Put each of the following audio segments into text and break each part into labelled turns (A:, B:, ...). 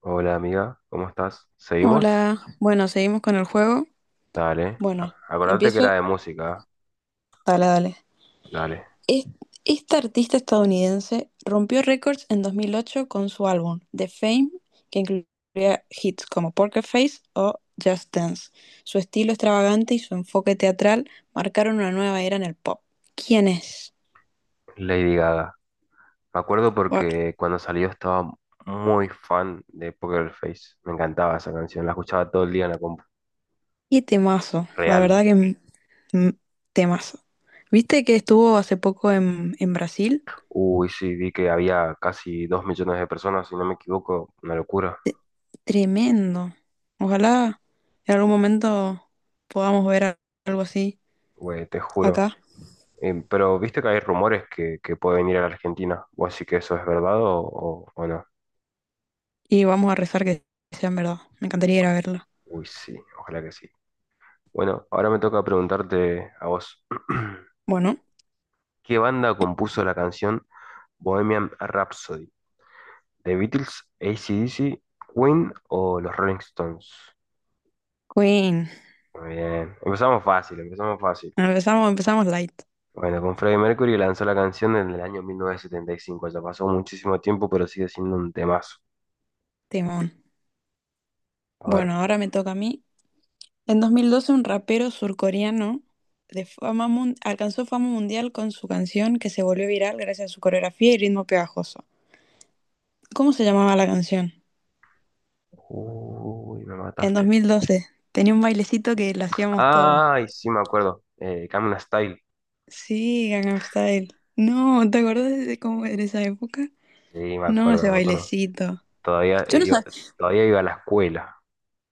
A: Hola amiga, ¿cómo estás? ¿Seguimos?
B: Hola, bueno, seguimos con el juego.
A: Dale.
B: Bueno,
A: Acordate que era
B: empiezo.
A: de música.
B: Dale, dale.
A: Dale.
B: Es- Esta artista estadounidense rompió récords en 2008 con su álbum The Fame, que incluía hits como Poker Face o Just Dance. Su estilo extravagante y su enfoque teatral marcaron una nueva era en el pop. ¿Quién es?
A: Lady Gaga. Me acuerdo
B: Buah,
A: porque cuando salió estaba muy fan de Poker Face. Me encantaba esa canción. La escuchaba todo el día en la compu.
B: qué temazo, la
A: Real.
B: verdad que mm, temazo. ¿Viste que estuvo hace poco en Brasil?
A: Uy, sí, vi que había casi 2 millones de personas, si no me equivoco. Una locura.
B: Tremendo. Ojalá en algún momento podamos ver algo así
A: Güey, te juro.
B: acá,
A: Pero viste que hay rumores que puede venir a la Argentina. ¿Vos sí que eso es verdad o no?
B: y vamos a rezar que sean verdad. Me encantaría ir a verla.
A: Uy, sí. Ojalá que sí. Bueno, ahora me toca preguntarte a vos.
B: Bueno,
A: ¿Qué banda compuso la canción Bohemian Rhapsody? ¿The Beatles, AC/DC, Queen o los Rolling Stones?
B: Queen.
A: Muy bien, empezamos fácil, empezamos fácil.
B: Empezamos, empezamos light.
A: Bueno, con Freddie Mercury lanzó la canción en el año 1975. Ya pasó muchísimo tiempo, pero sigue siendo un temazo.
B: Timón.
A: A ver,
B: Bueno, ahora me toca a mí. En 2012 un rapero surcoreano alcanzó fama mundial con su canción que se volvió viral gracias a su coreografía y ritmo pegajoso. ¿Cómo se llamaba la canción?
A: uy, me
B: En dos
A: mataste.
B: mil doce tenía un bailecito que lo hacíamos todo.
A: Ay, sí, me acuerdo. Gangnam Style.
B: Sí, Gangnam Style. No, ¿te acuerdas de cómo era esa época?
A: Sí, me
B: No,
A: acuerdo,
B: ese
A: me acuerdo.
B: bailecito.
A: Todavía
B: Yo
A: eh,
B: no
A: iba,
B: sabía.
A: todavía iba a la escuela.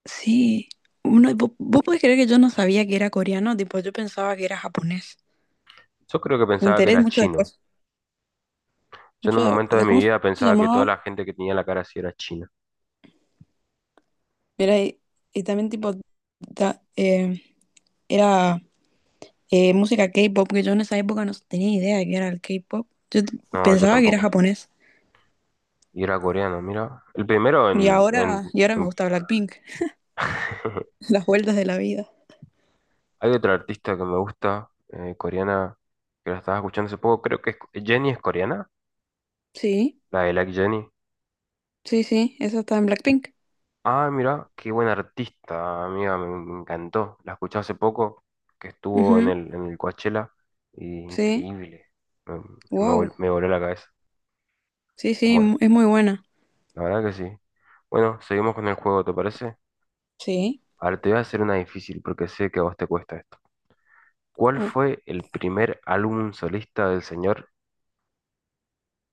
B: Sí. Uno, vos, podés creer que yo no sabía que era coreano, tipo, yo pensaba que era japonés.
A: Yo creo que
B: Me
A: pensaba que
B: enteré
A: era
B: mucho
A: chino.
B: después.
A: Yo en un
B: Mucho
A: momento de
B: de
A: mi
B: cómo se
A: vida pensaba que toda
B: llamaba.
A: la gente que tenía la cara así era china.
B: Mira, y también tipo ta- eh, era música K-pop, que yo en esa época no tenía idea de que era el K-pop.
A: No, yo
B: Pensaba que era
A: tampoco.
B: japonés.
A: Y era coreano, mira. El primero
B: Y
A: en... en-
B: ahora, y ahora me
A: en-
B: gusta Blackpink. Las vueltas de la vida.
A: Hay otra artista que me gusta, coreana, que la estaba escuchando hace poco. Jenny es coreana,
B: Sí.
A: la de Like Jenny.
B: Sí, sí, esa está en Blackpink.
A: Ah, mira, qué buena artista, amiga, me encantó. La escuché hace poco, que estuvo
B: Ujú,
A: en el Coachella. Y
B: sí,
A: increíble. Me, me
B: wow.
A: vol- me voló la cabeza.
B: Sí, sí,
A: Bueno.
B: es muy buena.
A: La verdad que sí. Bueno, seguimos con el juego, ¿te parece?
B: Sí.
A: Ahora te voy a hacer una difícil porque sé que a vos te cuesta esto. ¿Cuál
B: Uh,
A: fue el primer álbum solista del señor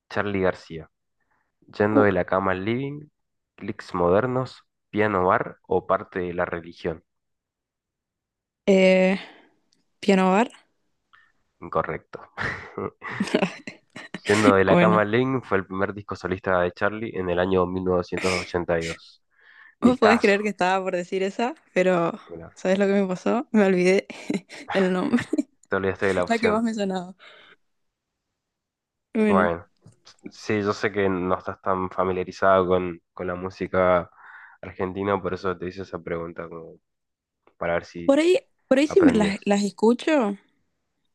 A: Charly García? ¿Yendo
B: uh.
A: de la cama al living, clics modernos, piano bar o parte de la religión?
B: Eh, Piano Bar.
A: Incorrecto. Yendo de la cama
B: Bueno,
A: al living fue el primer disco solista de Charly en el año 1982.
B: vos podés creer que
A: Discazo.
B: estaba por decir esa, pero
A: Mira,
B: ¿sabes lo que me pasó? Me olvidé el nombre,
A: te olvidaste de la
B: la que más
A: opción.
B: me sonaba. Bueno,
A: Bueno, sí, yo sé que no estás tan familiarizado con la música argentina, por eso te hice esa pregunta, como para ver si
B: por ahí, por ahí sí me las,
A: aprendías.
B: las escucho,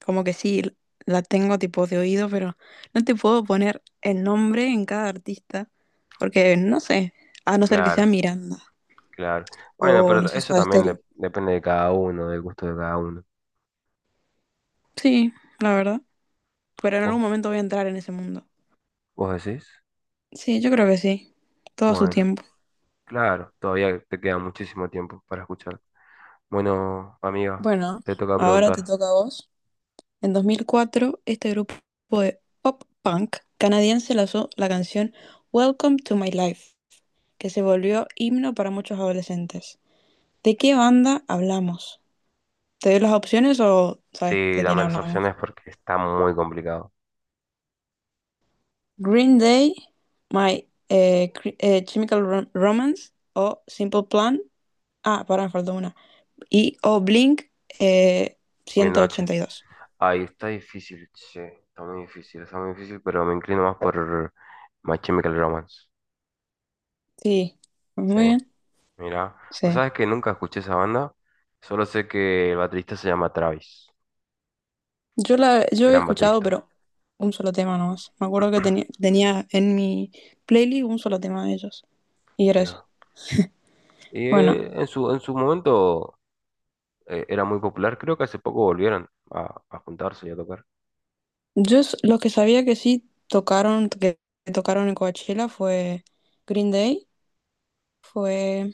B: como que sí, la tengo tipo de oído, pero no te puedo poner el nombre en cada artista, porque no sé, a no ser que sea
A: Claro,
B: Miranda
A: claro. Bueno,
B: o no
A: pero
B: sé,
A: eso
B: Soda
A: también
B: Stereo.
A: depende de cada uno, del gusto de cada uno.
B: Sí, la verdad. Pero en algún
A: ¿Vos,
B: momento voy a entrar en ese mundo.
A: vos decís?
B: Sí, yo creo que sí. Todo a su
A: Bueno,
B: tiempo.
A: claro, todavía te queda muchísimo tiempo para escuchar. Bueno, amiga,
B: Bueno,
A: te toca
B: ahora te
A: preguntar.
B: toca a vos. En 2004, este grupo de pop punk canadiense lanzó la canción Welcome to My Life, que se volvió himno para muchos adolescentes. ¿De qué banda hablamos? ¿Te doy las opciones o sabes
A: Sí,
B: de quién
A: dame las
B: hablamos?
A: opciones porque está muy complicado.
B: Green Day, My Chemical Romance o Simple Plan. Ah, pará, me faltó una. Y Oblink eh,
A: Mil
B: ciento
A: noches.
B: ochenta y dos
A: Ahí está difícil, che, está muy difícil, pero me inclino más por My Chemical Romance.
B: Sí,
A: Sí,
B: muy bien.
A: mira.
B: Sí.
A: O sabes que nunca escuché esa banda, solo sé que el baterista se llama Travis,
B: Yo había
A: gran
B: escuchado,
A: baterista.
B: pero un solo tema nomás. Me acuerdo que tenía en mi playlist un solo tema de ellos. Y era ese.
A: Mira. Y
B: Bueno,
A: en su momento era muy popular, creo que hace poco volvieron a juntarse y a tocar.
B: los que sabía que sí tocaron, que tocaron en Coachella fue Green Day, fue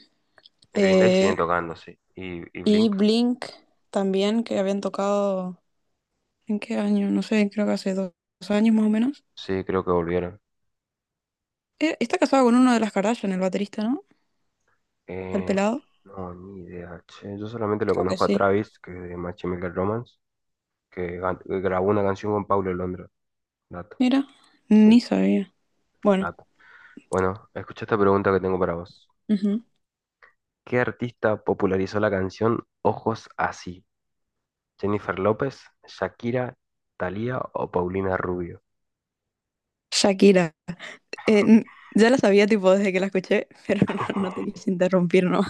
A: Green Day siguen
B: eh,
A: tocando, sí. Y
B: y
A: Blink,
B: Blink también, que habían tocado ¿en qué año? No sé, creo que hace dos años más o menos.
A: sí, creo que volvieron.
B: Está casado con uno de las Kardashian, el baterista, ¿no? ¿El
A: Eh,
B: pelado?
A: no, ni idea, che. Yo solamente lo
B: Creo que
A: conozco a
B: sí.
A: Travis, que es de My Chemical Romance, que grabó una canción con Paulo Londra. Dato,
B: Mira,
A: sí,
B: ni sabía. Bueno,
A: dato. Bueno, escucha esta pregunta que tengo para vos.
B: ujú.
A: ¿Qué artista popularizó la canción Ojos Así? ¿Jennifer López, Shakira, Thalía o Paulina Rubio?
B: Shakira. Ya la sabía tipo desde que la escuché, pero no, no te quise interrumpir, ¿no?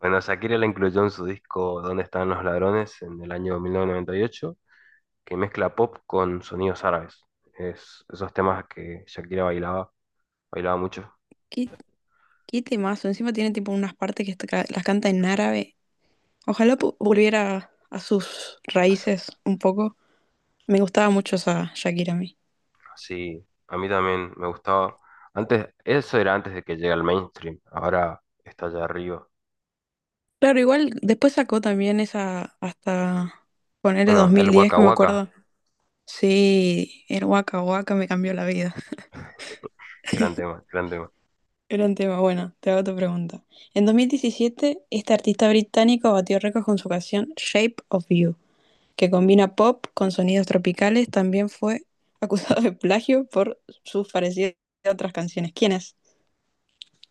A: Bueno, Shakira la incluyó en su disco ¿Dónde están los ladrones? En el año 1998, que mezcla pop con sonidos árabes. Es esos temas que Shakira bailaba, bailaba mucho.
B: Qué, qué temazo. Encima tiene tipo unas partes que las canta en árabe. Ojalá volviera a sus raíces un poco. Me gustaba mucho esa Shakira a mí.
A: Sí, a mí también me gustaba. Antes, eso era antes de que llegue al mainstream. Ahora está allá arriba.
B: Claro, igual después sacó también esa hasta ponerle
A: Bueno,
B: dos
A: el
B: mil diez,
A: Waka
B: que me
A: Waka,
B: acuerdo. Sí, el Waka Waka me cambió la vida.
A: gran tema, gran tema.
B: Gran tema. Bueno, te hago tu pregunta. En 2017, este artista británico batió récords con su canción Shape of You, que combina pop con sonidos tropicales. También fue acusado de plagio por sus parecidas a otras canciones. ¿Quién es?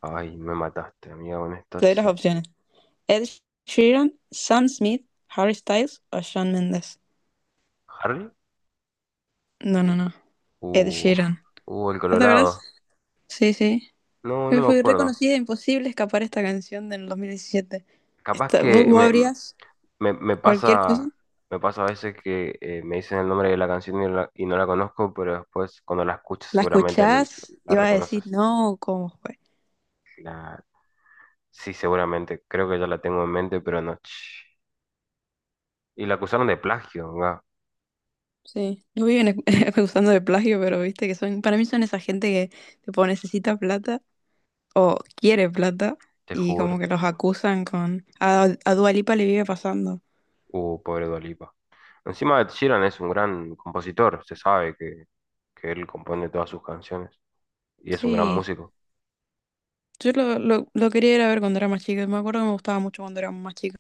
A: Ay, me mataste, amiga, con esta,
B: Te doy las
A: che.
B: opciones. Ed Sheeran, Sam Smith, Harry Styles o Shawn Mendes.
A: ¿Harry?
B: No, no, no. Ed
A: Uh,
B: Sheeran.
A: el
B: ¿No te acuerdas?
A: Colorado.
B: Sí, sí.
A: No, no me
B: Fue
A: acuerdo.
B: reconocida e imposible escapar esta canción del 2017.
A: Capaz
B: ¿Vos,
A: que
B: vos abrías
A: me, me
B: cualquier cosa?
A: pasa, me pasa a veces que me dicen el nombre de la canción y no la conozco, pero después cuando la escuches
B: ¿La
A: seguramente la,
B: escuchás?
A: la
B: Iba a decir,
A: reconoces.
B: no, ¿cómo fue?
A: La, sí, seguramente. Creo que ya la tengo en mente, pero no. Y la acusaron de plagio, ¿verdad?
B: Sí, no viven acusando de plagio, pero viste que son, para mí son esa gente que tipo necesita plata o quiere plata
A: Te
B: y
A: juro.
B: como que los acusan con, a Dua Lipa le vive pasando.
A: Pobre Dua Lipa. Encima Ed Sheeran es un gran compositor, se sabe que él compone todas sus canciones. Y es un gran
B: Sí,
A: músico.
B: yo lo quería ir a ver cuando era más chica, me acuerdo que me gustaba mucho cuando era más chica,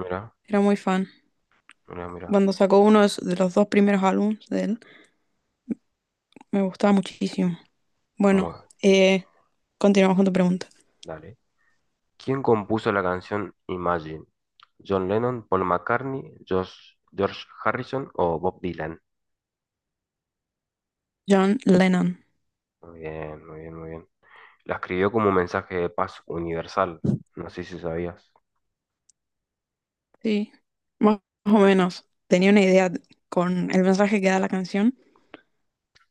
A: Mira,
B: era muy fan.
A: mira, mira.
B: Cuando sacó uno de los dos primeros álbumes de él, me gustaba muchísimo. Bueno,
A: Mueve,
B: eh, continuamos con tu pregunta.
A: dale. ¿Quién compuso la canción Imagine? ¿John Lennon, Paul McCartney, George Harrison o Bob Dylan?
B: John Lennon.
A: Muy bien, muy bien, muy bien. La escribió como un mensaje de paz universal. No sé si sabías.
B: Sí, más o menos. Tenía una idea con el mensaje que da la canción,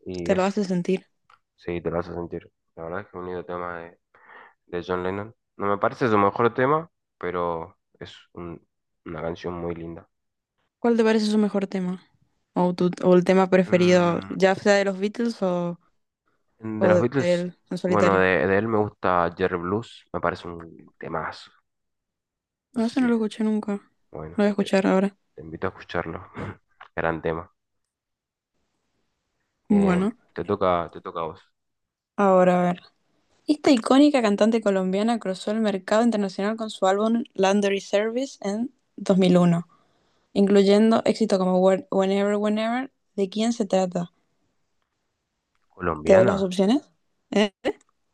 A: Y
B: te lo
A: eso,
B: hace sentir.
A: sí, te lo vas a sentir. La verdad es que es un lindo tema de John Lennon. No me parece su mejor tema, pero es una canción muy linda.
B: ¿Cuál te parece su mejor tema? O el tema preferido,
A: Mm,
B: ya sea de los Beatles o,
A: de
B: o
A: los
B: de
A: Beatles,
B: él en
A: bueno,
B: solitario.
A: de él me gusta Jerry Blues, me parece un temazo.
B: No, eso no
A: Así,
B: lo escuché nunca. Lo
A: bueno,
B: voy a escuchar ahora.
A: te invito a escucharlo. Gran tema. Eh,
B: Bueno,
A: te toca a vos.
B: ahora a ver. Esta icónica cantante colombiana cruzó el mercado internacional con su álbum Laundry Service en 2001, incluyendo éxitos como Whenever, Whenever. ¿De quién se trata? ¿Te doy las
A: ¿Colombiana?
B: opciones? Eh,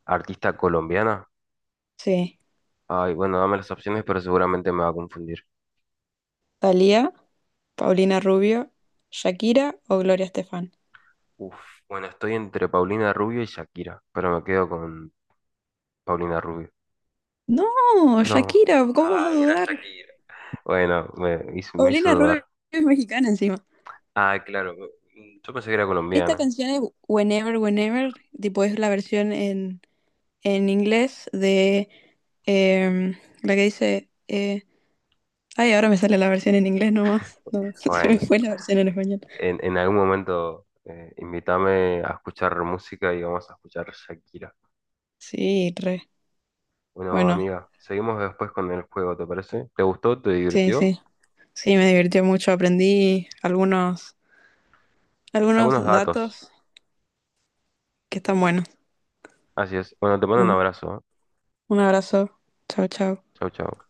A: ¿Artista colombiana?
B: Sí.
A: Ay, bueno, dame las opciones, pero seguramente me va a confundir.
B: Thalía, Paulina Rubio, Shakira o Gloria Estefan.
A: Uf, bueno, estoy entre Paulina Rubio y Shakira, pero me quedo con Paulina Rubio.
B: No,
A: No.
B: Shakira, ¿cómo vas a
A: Ay, era
B: dudar?
A: Shakira. Bueno, me hizo
B: Paulina Rubio
A: dudar.
B: es mexicana encima.
A: Ah, claro, yo pensé que era
B: Esta
A: colombiana.
B: canción es Whenever, Whenever, tipo es la versión en inglés de em, la que dice, ay, ahora me sale la versión en inglés nomás. No, se me
A: Bueno,
B: fue la versión en español.
A: en algún momento invítame a escuchar música y vamos a escuchar Shakira.
B: Sí, re.
A: Bueno,
B: Bueno,
A: amiga, seguimos después con el juego, ¿te parece? ¿Te gustó? ¿Te
B: sí,
A: divirtió?
B: sí. Sí, me divirtió mucho. Aprendí algunos
A: Algunos datos.
B: datos que están buenos.
A: Así es. Bueno, te mando un
B: Bueno.
A: abrazo. ¿Eh?
B: Un abrazo. Chao, chao.
A: Chau, chau.